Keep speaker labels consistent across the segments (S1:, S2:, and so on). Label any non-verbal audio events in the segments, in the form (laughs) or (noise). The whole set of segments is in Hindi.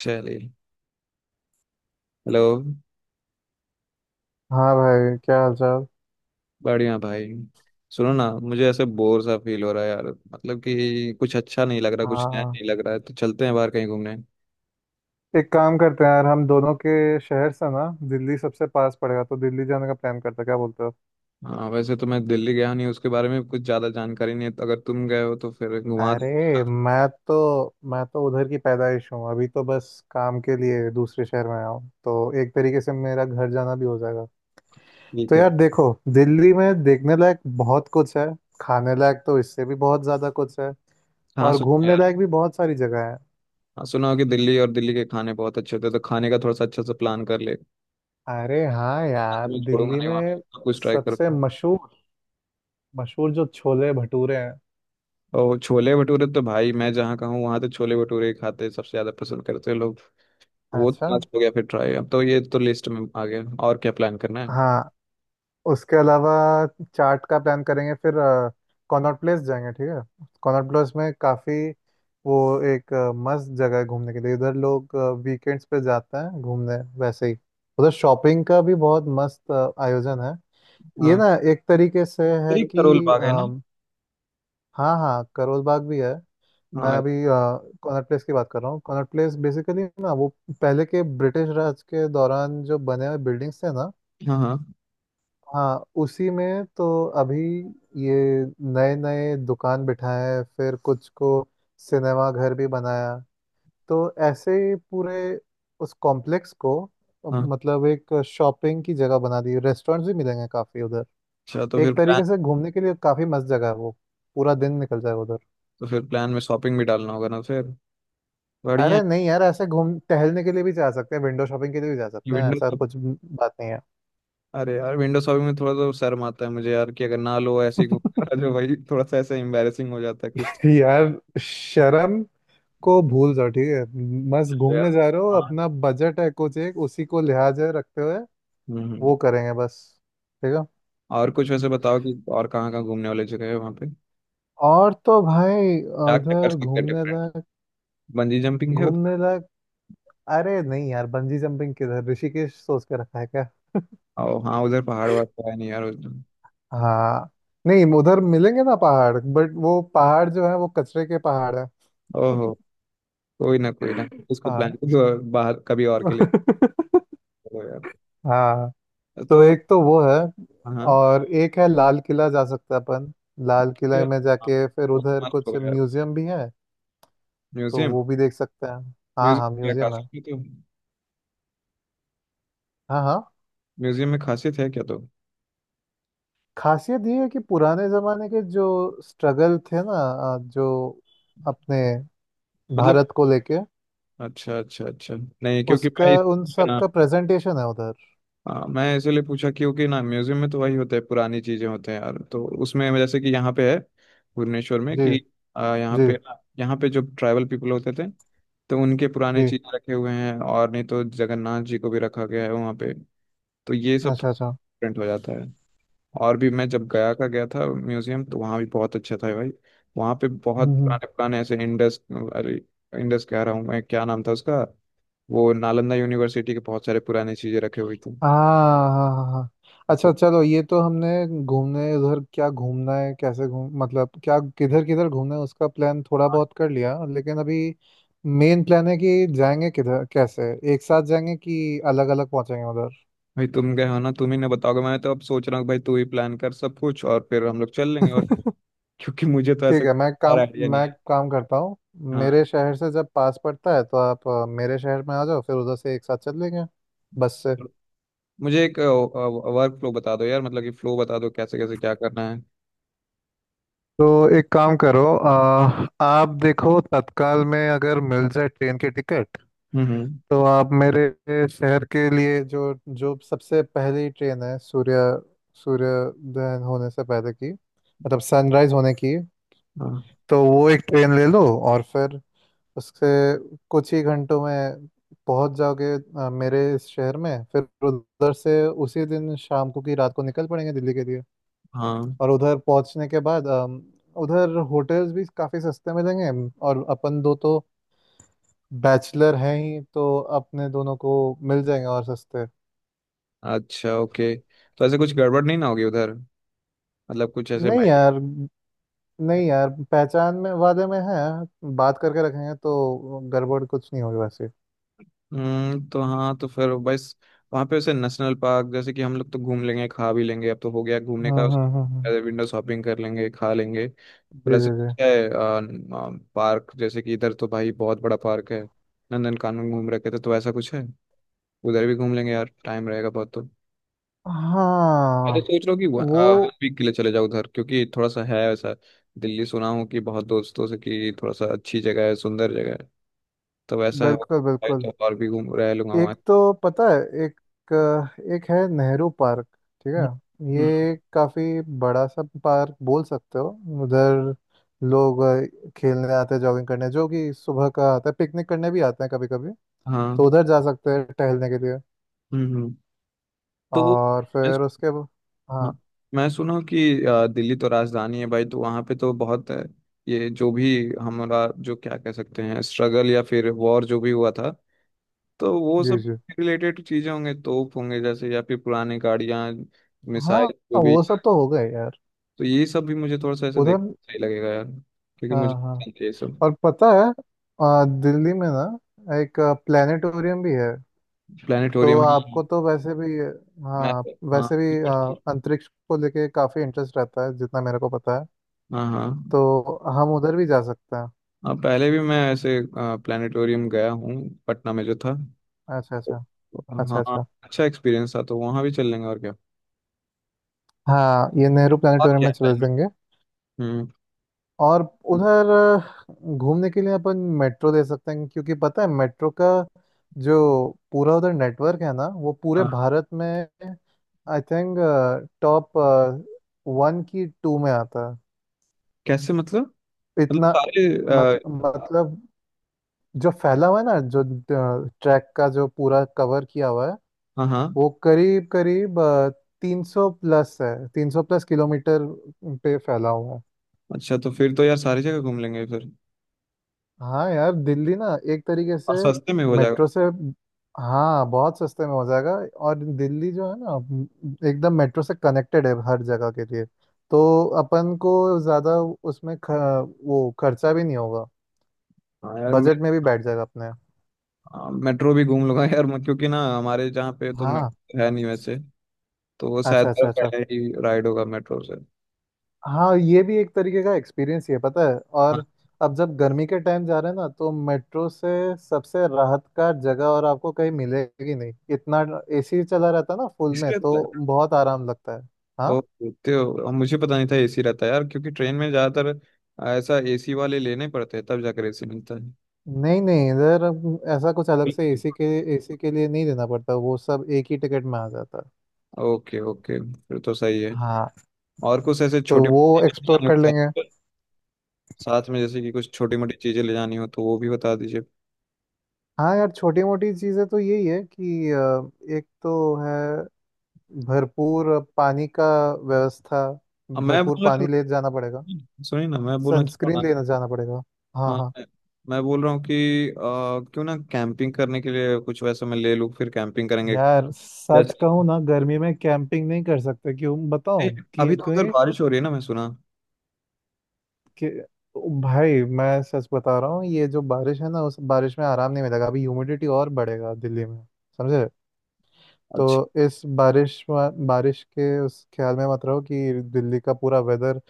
S1: चलिए। हेलो।
S2: हाँ भाई, क्या हालचाल।
S1: बढ़िया भाई। सुनो ना, मुझे ऐसे बोर सा फील हो रहा है यार। मतलब कि कुछ अच्छा नहीं लग रहा, कुछ नया
S2: हाँ,
S1: नहीं लग रहा है, तो चलते हैं बाहर कहीं घूमने।
S2: एक काम करते हैं यार। हम दोनों के शहर से ना, दिल्ली सबसे पास पड़ेगा, तो दिल्ली जाने का प्लान करते हैं। क्या बोलते हो?
S1: हाँ वैसे तो मैं दिल्ली गया नहीं, उसके बारे में कुछ ज़्यादा जानकारी नहीं है, तो अगर तुम गए हो तो फिर घुमा दो।
S2: अरे, मैं तो उधर की पैदाइश हूँ। अभी तो बस काम के लिए दूसरे शहर में आया हूँ, तो एक तरीके से मेरा घर जाना भी हो जाएगा। तो
S1: ठीक है।
S2: यार देखो, दिल्ली में देखने लायक बहुत कुछ है। खाने लायक तो इससे भी बहुत ज़्यादा कुछ है।
S1: हाँ
S2: और
S1: सुनो
S2: घूमने
S1: यार।
S2: लायक भी बहुत सारी जगह है।
S1: हाँ सुना हो कि दिल्ली और दिल्ली के खाने बहुत अच्छे होते हैं, तो खाने का थोड़ा सा अच्छा सा प्लान कर ले, हाँ।
S2: अरे हाँ
S1: तो मैं
S2: यार,
S1: तुम्हें छोड़ूंगा
S2: दिल्ली
S1: नहीं वहाँ पे,
S2: में
S1: सब कुछ ट्राई करो।
S2: सबसे मशहूर मशहूर जो छोले भटूरे हैं।
S1: और छोले भटूरे तो भाई, मैं जहाँ का हूँ वहाँ तो छोले भटूरे ही खाते हैं, सबसे ज़्यादा पसंद करते हैं लोग। वो
S2: अच्छा।
S1: तो आज हो गया फिर ट्राई, अब तो ये तो लिस्ट में आ गया। और क्या प्लान करना है?
S2: हाँ। उसके अलावा चाट का प्लान करेंगे फिर। कॉनॉट प्लेस जाएंगे। ठीक है, कॉनॉट प्लेस में काफ़ी वो एक मस्त जगह है घूमने के लिए। इधर लोग वीकेंड्स पे जाते हैं घूमने। वैसे ही उधर शॉपिंग का भी बहुत मस्त आयोजन है। ये
S1: हाँ
S2: ना एक तरीके से है
S1: करीब करोल
S2: कि
S1: बाग है ना।
S2: अम, हाँ हाँ, करोल बाग भी है। मैं
S1: हाँ
S2: अभी कॉनॉट प्लेस की बात कर रहा हूँ। कॉनॉट प्लेस बेसिकली ना, वो पहले के ब्रिटिश राज के दौरान जो बने हुए बिल्डिंग्स थे ना।
S1: हाँ हाँ
S2: हाँ, उसी में तो अभी ये नए नए दुकान बिठाए, फिर कुछ को सिनेमा घर भी बनाया। तो ऐसे ही पूरे उस कॉम्प्लेक्स को
S1: हाँ।
S2: मतलब एक शॉपिंग की जगह बना दी। रेस्टोरेंट्स भी मिलेंगे काफ़ी उधर।
S1: अच्छा,
S2: एक तरीके से घूमने के लिए काफ़ी मस्त जगह है वो। पूरा दिन निकल जाएगा उधर।
S1: तो फिर प्लान में शॉपिंग भी डालना होगा ना फिर। बढ़िया
S2: अरे
S1: है।
S2: नहीं यार, ऐसे घूम टहलने के लिए भी जा सकते हैं, विंडो शॉपिंग के लिए भी जा
S1: ये
S2: सकते हैं,
S1: विंडो
S2: ऐसा
S1: शॉप-
S2: कुछ बात नहीं है।
S1: अरे यार, विंडो शॉपिंग में थोड़ा तो शर्म आता है मुझे यार, कि अगर ना लो ऐसे ही घूम (laughs) जो भाई, थोड़ा सा ऐसे एम्बेरसिंग हो जाता है कुछ।
S2: (laughs) यार, शर्म को भूल जाओ। ठीक है, बस
S1: तो यार,
S2: घूमने जा रहे हो,
S1: हाँ,
S2: अपना बजट है कुछ एक, उसी को लिहाज में रखते हुए
S1: हम्म हम्म।
S2: वो करेंगे बस। ठीक है।
S1: और कुछ वैसे बताओ कि और कहाँ कहाँ घूमने वाली जगह है वहाँ पे,
S2: और तो भाई,
S1: क्या क्या कर
S2: इधर
S1: सकते हैं
S2: घूमने
S1: डिफरेंट।
S2: लायक
S1: बंजी जंपिंग है उधर?
S2: घूमने लायक अरे नहीं यार, बंजी जंपिंग किधर? ऋषिकेश सोच के रखा है क्या? (laughs)
S1: ओ हाँ, उधर पहाड़ वहाड़ तो है नहीं यार उधर।
S2: हाँ, नहीं उधर मिलेंगे ना पहाड़, बट वो पहाड़ जो है वो कचरे के पहाड़ है।
S1: ओहो। कोई ना, कोई ना,
S2: (laughs)
S1: इसको प्लान
S2: हाँ
S1: तो बाहर कभी और के लिए करो यार।
S2: हाँ। तो
S1: तो
S2: एक तो वो है,
S1: हाँ।
S2: और एक है लाल किला, जा सकते हैं अपन। लाल किला
S1: ये-
S2: में
S1: हाँ,
S2: जाके फिर
S1: वो तो
S2: उधर
S1: मस्त
S2: कुछ
S1: होगा यार,
S2: म्यूजियम भी है, तो
S1: म्यूजियम।
S2: वो भी देख सकते हैं। हाँ
S1: म्यूजियम
S2: हाँ,
S1: क्या
S2: म्यूजियम है।
S1: खासियत है तो?
S2: हाँ हाँ।
S1: म्यूजियम में खासियत है क्या तो?
S2: खासियत ये है कि पुराने जमाने के जो स्ट्रगल थे ना, जो अपने
S1: मतलब,
S2: भारत को लेके,
S1: अच्छा अच्छा अच्छा। नहीं, क्योंकि
S2: उसका
S1: मैं
S2: उन
S1: इसलिए
S2: सब
S1: ना,
S2: का प्रेजेंटेशन है उधर।
S1: हाँ, मैं इसलिए पूछा क्योंकि ना म्यूजियम में तो वही होता है, पुरानी चीजें होते हैं यार, तो उसमें जैसे कि यहाँ पे है, भुवनेश्वर में
S2: जी
S1: कि, यहाँ
S2: जी
S1: पे, यहाँ पे जो ट्राइबल पीपल होते थे, तो उनके पुराने
S2: जी।
S1: चीज रखे हुए हैं, और नहीं तो जगन्नाथ जी को भी रखा गया है वहाँ पे। तो ये सब
S2: अच्छा
S1: थोड़ा
S2: अच्छा।
S1: डिफरेंट हो जाता है। और भी मैं जब गया का गया था म्यूजियम तो वहाँ भी बहुत अच्छा था भाई। वहाँ पे बहुत
S2: हम्म, हम्म।
S1: पुराने पुराने ऐसे इंडस, अरे, इंडस कह रहा हूँ मैं, क्या नाम था उसका, वो नालंदा यूनिवर्सिटी के बहुत सारे पुराने चीजें रखे हुई थी।
S2: हाँ हाँ हाँ हाँ। अच्छा चलो, ये तो हमने घूमने उधर क्या घूमना है, कैसे घूम, मतलब क्या किधर किधर घूमना है, उसका प्लान थोड़ा
S1: हाँ।
S2: बहुत कर लिया। लेकिन अभी मेन प्लान है कि जाएंगे किधर, कैसे, एक साथ जाएंगे कि अलग अलग पहुंचेंगे उधर।
S1: भाई तुम गए हो ना, तुम ही ने बताओगे। मैं तो अब सोच रहा हूँ कि भाई तू ही प्लान कर सब कुछ, और फिर हम लोग चल लेंगे, और
S2: (laughs)
S1: क्योंकि मुझे तो ऐसा
S2: ठीक है,
S1: और आइडिया नहीं
S2: मैं
S1: है।
S2: काम करता हूँ।
S1: हाँ।
S2: मेरे शहर से जब पास पड़ता है, तो आप मेरे शहर में आ जाओ, फिर उधर से एक साथ चल लेंगे बस से।
S1: मुझे एक वर्क फ्लो बता दो यार, मतलब कि फ्लो बता दो कैसे कैसे क्या करना है।
S2: तो एक काम करो, आप देखो तत्काल में अगर मिल जाए ट्रेन की टिकट,
S1: हम्म।
S2: तो आप मेरे शहर के लिए जो जो सबसे पहली ट्रेन है, सूर्योदय होने से पहले की, मतलब सनराइज होने की,
S1: हाँ।
S2: तो वो एक ट्रेन ले लो। और फिर उससे कुछ ही घंटों में पहुंच जाओगे मेरे इस शहर में। फिर उधर से उसी दिन शाम को की रात को निकल पड़ेंगे दिल्ली के लिए।
S1: हाँ।
S2: और उधर पहुंचने के बाद उधर होटल्स भी काफ़ी सस्ते मिलेंगे। और अपन दो तो बैचलर हैं ही, तो अपने दोनों को मिल जाएंगे और सस्ते।
S1: अच्छा, ओके। तो ऐसे कुछ गड़बड़ नहीं ना होगी उधर, मतलब कुछ ऐसे
S2: नहीं
S1: भाई।
S2: यार, नहीं यार, पहचान में वादे में है, बात करके रखेंगे तो गड़बड़ कुछ नहीं होगी वैसे।
S1: हम्म, तो हाँ, तो फिर बस, वहाँ पे वैसे नेशनल पार्क जैसे कि हम लोग तो घूम लेंगे, खा भी लेंगे, अब तो हो गया घूमने का,
S2: हाँ हाँ हाँ हाँ।
S1: विंडो शॉपिंग कर लेंगे, खा लेंगे।
S2: जी
S1: फिर
S2: जी
S1: ऐसे
S2: जी।
S1: कुछ है पार्क जैसे कि इधर तो भाई बहुत बड़ा पार्क है, नंदन कानन घूम रखे थे, तो ऐसा कुछ है उधर भी घूम लेंगे यार, टाइम रहेगा बहुत तो। मैं तो
S2: हाँ।
S1: सोच रहा हूँ कि वन
S2: वो
S1: वीक के लिए चले जाओ उधर, क्योंकि थोड़ा सा है ऐसा, दिल्ली सुना हूँ कि बहुत दोस्तों से कि थोड़ा सा अच्छी जगह है, सुंदर जगह है, तो वैसा है
S2: बिल्कुल बिल्कुल।
S1: तो और भी घूम रह लूंगा वहाँ।
S2: एक तो पता है, एक एक है नेहरू पार्क। ठीक है,
S1: हम्म, हम्म,
S2: ये काफी बड़ा सा पार्क बोल सकते हो। उधर लोग खेलने आते हैं, जॉगिंग करने, जो कि सुबह का आता है, पिकनिक करने भी आते हैं कभी कभी। तो
S1: हाँ,
S2: उधर जा सकते हैं टहलने के लिए।
S1: हम्म हम्म। तो वो,
S2: और
S1: मैं
S2: फिर उसके हाँ।
S1: हाँ मैं सुना हूँ कि दिल्ली तो राजधानी है भाई, तो वहाँ पे तो बहुत, ये जो भी हमारा जो क्या कह सकते हैं स्ट्रगल या फिर वॉर जो भी हुआ था, तो वो
S2: जी
S1: सब
S2: जी।
S1: रिलेटेड चीजें होंगे, तोप होंगे जैसे, या फिर पुरानी गाड़ियाँ,
S2: हाँ
S1: मिसाइल जो
S2: हाँ,
S1: भी।
S2: वो सब तो हो गए यार
S1: तो ये सब भी मुझे थोड़ा सा ऐसे देख
S2: उधर।
S1: सही लगेगा यार, क्योंकि मुझे
S2: हाँ हाँ।
S1: पसंद है ये सब।
S2: और पता है दिल्ली में ना एक प्लानिटोरियम भी है।
S1: प्लानिटोरियम,
S2: तो
S1: हाँ।
S2: आपको तो वैसे भी,
S1: मैं,
S2: हाँ
S1: हाँ
S2: वैसे भी अंतरिक्ष को लेके काफ़ी इंटरेस्ट रहता है जितना मेरे को पता है।
S1: हाँ हाँ
S2: तो हम उधर भी जा सकते हैं।
S1: हाँ, पहले भी मैं ऐसे प्लानिटोरियम गया हूँ, पटना में जो था।
S2: अच्छा अच्छा अच्छा।
S1: हाँ।
S2: अच्छा,
S1: अच्छा एक्सपीरियंस था, तो वहाँ भी चल लेंगे और क्या।
S2: हाँ, ये नेहरू
S1: और
S2: प्लानिटोरियम
S1: क्या
S2: में चले
S1: टाइम में।
S2: जाएंगे।
S1: हम्म।
S2: और उधर घूमने के लिए अपन मेट्रो दे सकते हैं, क्योंकि पता है मेट्रो का जो पूरा उधर नेटवर्क है ना, वो पूरे
S1: हाँ।
S2: भारत में आई थिंक टॉप वन की टू में आता
S1: कैसे मतलब,
S2: है,
S1: मतलब
S2: इतना।
S1: सारे,
S2: मत,
S1: आ,
S2: मतलब जो फैला हुआ है ना, जो ट्रैक का जो पूरा कवर किया हुआ है,
S1: हाँ हाँ।
S2: वो करीब करीब 300+ है, 300+ किलोमीटर पे फैला हुआ है।
S1: अच्छा तो फिर तो यार सारी जगह घूम लेंगे फिर,
S2: हाँ यार, दिल्ली ना एक तरीके से
S1: और सस्ते में हो जाएगा।
S2: मेट्रो से, हाँ बहुत सस्ते में हो जाएगा। और दिल्ली जो है ना, एकदम मेट्रो से कनेक्टेड है हर जगह के लिए। तो अपन को ज़्यादा उसमें वो खर्चा भी नहीं होगा।
S1: हाँ यार मे,
S2: बजट में भी बैठ जाएगा अपने।
S1: मेट्रो भी घूम लूंगा यार क्योंकि ना हमारे जहाँ पे तो
S2: हाँ।
S1: मेट्रो है नहीं वैसे, तो वो शायद
S2: अच्छा अच्छा
S1: मेरा
S2: अच्छा।
S1: पहले ही राइड होगा मेट्रो से।
S2: हाँ, ये भी एक तरीके का एक्सपीरियंस ही है, पता है।
S1: हाँ।
S2: और अब जब गर्मी के टाइम जा रहे हैं ना, तो मेट्रो से सबसे राहत का जगह और आपको कहीं मिलेगी नहीं इतना। एसी चला रहता है ना फुल में,
S1: इसीलिए तो।
S2: तो बहुत आराम लगता है। हाँ,
S1: ओ तो मुझे पता नहीं था एसी रहता है यार, क्योंकि ट्रेन में ज्यादातर ऐसा एसी वाले लेने पड़ते हैं, तब जाकर एसी मिलता है।
S2: नहीं नहीं, इधर ऐसा कुछ अलग से
S1: बिल्कुल।
S2: एसी के लिए नहीं देना पड़ता, वो सब एक ही टिकट में आ जाता है।
S1: ओके ओके, फिर तो सही है।
S2: हाँ,
S1: और कुछ ऐसे
S2: तो
S1: छोटी
S2: वो
S1: मोटी चीजें ले
S2: एक्सप्लोर
S1: जानी हो
S2: कर लेंगे।
S1: साथ, साथ में जैसे कि कुछ छोटी मोटी चीजें ले जानी हो तो वो भी बता दीजिए।
S2: हाँ यार, छोटी मोटी चीज़ें तो यही है कि एक तो है भरपूर पानी का व्यवस्था,
S1: अब मैं
S2: भरपूर
S1: बोलना
S2: पानी ले जाना पड़ेगा,
S1: सुनिए ना, मैं बोलना चाह रहा
S2: सनस्क्रीन
S1: हूँ।
S2: लेना जाना पड़ेगा।
S1: ना,
S2: हाँ
S1: हाँ
S2: हाँ।
S1: मैं बोल रहा हूँ कि क्यों ना कैंपिंग करने के लिए कुछ वैसा मैं ले लूँ, फिर कैंपिंग करेंगे
S2: यार सच
S1: जैसे।
S2: कहूँ ना, गर्मी में कैंपिंग नहीं कर सकते। क्यों
S1: नहीं,
S2: बताऊँ?
S1: अभी
S2: क्यों
S1: तो अगर
S2: क्यों
S1: बारिश हो रही है ना, मैं सुना।
S2: कि भाई मैं सच बता रहा हूँ, ये जो बारिश है ना, उस बारिश में आराम नहीं मिलेगा, अभी ह्यूमिडिटी और बढ़ेगा दिल्ली में। समझे?
S1: अच्छा।
S2: तो बारिश के उस ख्याल में मत रहो कि दिल्ली का पूरा वेदर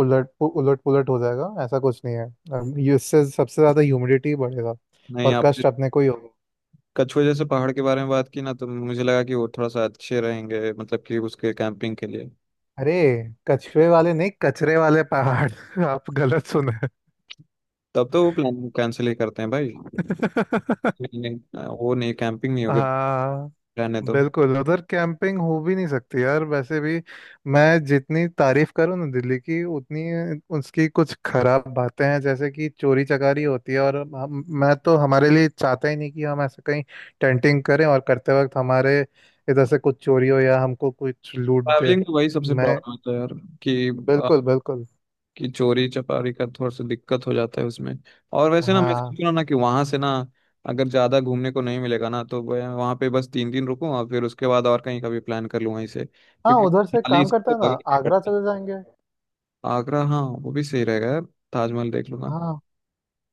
S2: उलट पुलट हो जाएगा, ऐसा कुछ नहीं है। इससे सबसे ज्यादा ह्यूमिडिटी बढ़ेगा,
S1: नहीं
S2: और
S1: आप
S2: कष्ट अपने को ही होगा।
S1: कछुए जैसे पहाड़ के बारे में बात की ना, तो मुझे लगा कि वो थोड़ा सा अच्छे रहेंगे, मतलब कि उसके कैंपिंग के लिए।
S2: अरे, कछुए वाले नहीं, कचरे वाले पहाड़। (laughs) आप गलत सुने।
S1: तब तो वो प्लान कैंसिल ही करते हैं भाई।
S2: (laughs)
S1: नहीं नहीं, वो नहीं, कैंपिंग नहीं होगी,
S2: हाँ,
S1: रहने दो।
S2: बिल्कुल उधर कैंपिंग हो भी नहीं सकती यार वैसे भी। मैं जितनी तारीफ करूँ ना दिल्ली की, उतनी उसकी कुछ खराब बातें हैं, जैसे कि चोरी चकारी होती है। और हम मैं तो हमारे लिए चाहता ही नहीं कि हम ऐसे कहीं टेंटिंग करें, और करते वक्त हमारे इधर से कुछ चोरी हो या हमको कुछ लूट दे।
S1: ट्रैवलिंग में वही सबसे
S2: मैं
S1: प्रॉब्लम होता है यार, कि आ,
S2: बिल्कुल बिल्कुल।
S1: कि चोरी चपारी का थोड़ा सा दिक्कत हो जाता है उसमें। और वैसे ना मैं
S2: हाँ
S1: सोच रहा ना कि वहां से ना, अगर ज्यादा घूमने को नहीं मिलेगा ना तो वहाँ पे बस 3 दिन रुकूं, और फिर उसके बाद और कहीं का भी प्लान कर लूँ वहीं से,
S2: हाँ,
S1: क्योंकि
S2: उधर से
S1: खाली
S2: काम करता
S1: इसको
S2: है ना,
S1: बगल में ही
S2: आगरा
S1: पड़ता है।
S2: चले जाएंगे।
S1: आगरा हाँ, वो भी सही रहेगा यार, ताजमहल देख लूंगा।
S2: हाँ।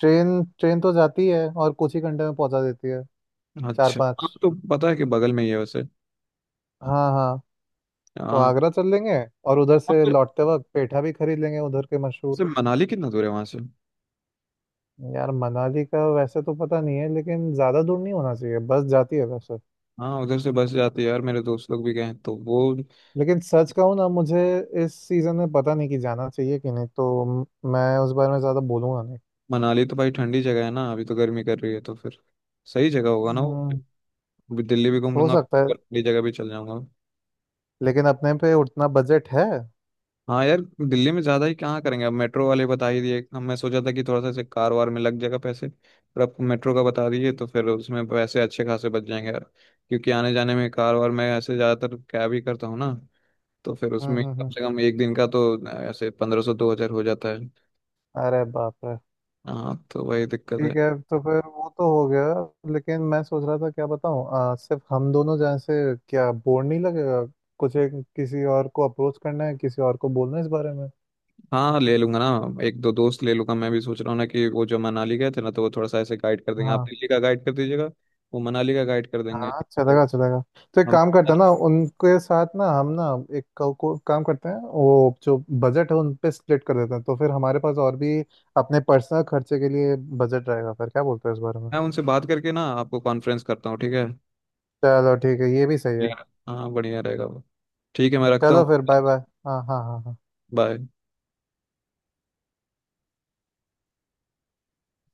S2: ट्रेन ट्रेन तो जाती है और कुछ ही घंटे में पहुंचा देती है। चार
S1: अच्छा
S2: पाँच।
S1: हाँ, तो पता है कि बगल में ही है वैसे।
S2: हाँ हाँ। तो
S1: हाँ।
S2: आगरा चल लेंगे, और उधर
S1: हाँ,
S2: से
S1: तो
S2: लौटते वक्त पेठा भी खरीद लेंगे, उधर के मशहूर।
S1: से मनाली कितना दूर है वहां से?
S2: यार मनाली का वैसे तो पता नहीं है, लेकिन ज़्यादा दूर नहीं होना चाहिए, बस जाती है वैसे।
S1: हाँ उधर से बस जाती है यार, मेरे दोस्त लोग भी गए हैं तो वो।
S2: लेकिन सच कहूँ ना, मुझे इस सीज़न में पता नहीं कि जाना चाहिए कि नहीं। तो मैं उस बारे में ज़्यादा बोलूँगा नहीं।
S1: मनाली तो भाई ठंडी जगह है ना, अभी तो गर्मी कर रही है तो फिर सही जगह होगा ना वो।
S2: हम्म,
S1: अभी दिल्ली भी घूम
S2: हो
S1: लूंगा,
S2: सकता है,
S1: फिर ठंडी जगह भी चल जाऊंगा।
S2: लेकिन अपने पे उतना बजट है।
S1: हाँ यार, दिल्ली में ज्यादा ही कहाँ करेंगे, अब मेट्रो वाले बता ही दिए, हम मैं सोचा था कि थोड़ा सा ऐसे कार वार में लग जाएगा पैसे पर, अब मेट्रो का बता दिए तो फिर उसमें पैसे अच्छे खासे बच जाएंगे यार, क्योंकि आने जाने में कार वार में ऐसे ज्यादातर कैब ही करता हूँ ना, तो फिर
S2: हम्म
S1: उसमें
S2: हम्म
S1: कम
S2: हम्म।
S1: से कम एक दिन का तो ऐसे 1500 2000 हो जाता है।
S2: अरे बाप रे।
S1: हाँ तो वही दिक्कत है।
S2: ठीक है, तो फिर वो तो हो गया। लेकिन मैं सोच रहा था, क्या बताऊँ, सिर्फ हम दोनों जाएं से क्या बोर नहीं लगेगा? कुछ एक किसी और को अप्रोच करना है, किसी और को बोलना है इस बारे में।
S1: हाँ ले लूंगा ना, एक दो दोस्त ले लूंगा। मैं भी सोच रहा हूँ ना कि वो जो मनाली गए थे ना, तो वो थोड़ा सा ऐसे गाइड कर देंगे, आप
S2: हाँ
S1: दिल्ली का गाइड कर दीजिएगा, वो मनाली का गाइड कर देंगे
S2: हाँ,
S1: फिर।
S2: चलेगा चलेगा। तो एक
S1: हम
S2: काम करते हैं ना, उनके साथ ना हम ना एक काम करते हैं, वो जो बजट है उन पे स्प्लिट कर देते हैं, तो फिर हमारे पास और भी अपने पर्सनल खर्चे के लिए बजट रहेगा। फिर क्या बोलते हैं इस बारे में?
S1: मैं उनसे बात करके ना आपको कॉन्फ्रेंस करता हूँ, ठीक है।
S2: चलो ठीक है, ये भी सही है।
S1: हाँ बढ़िया रहेगा वो। ठीक है, मैं रखता हूँ।
S2: चलो फिर बाय बाय। हाँ हाँ हाँ हाँ।
S1: बाय।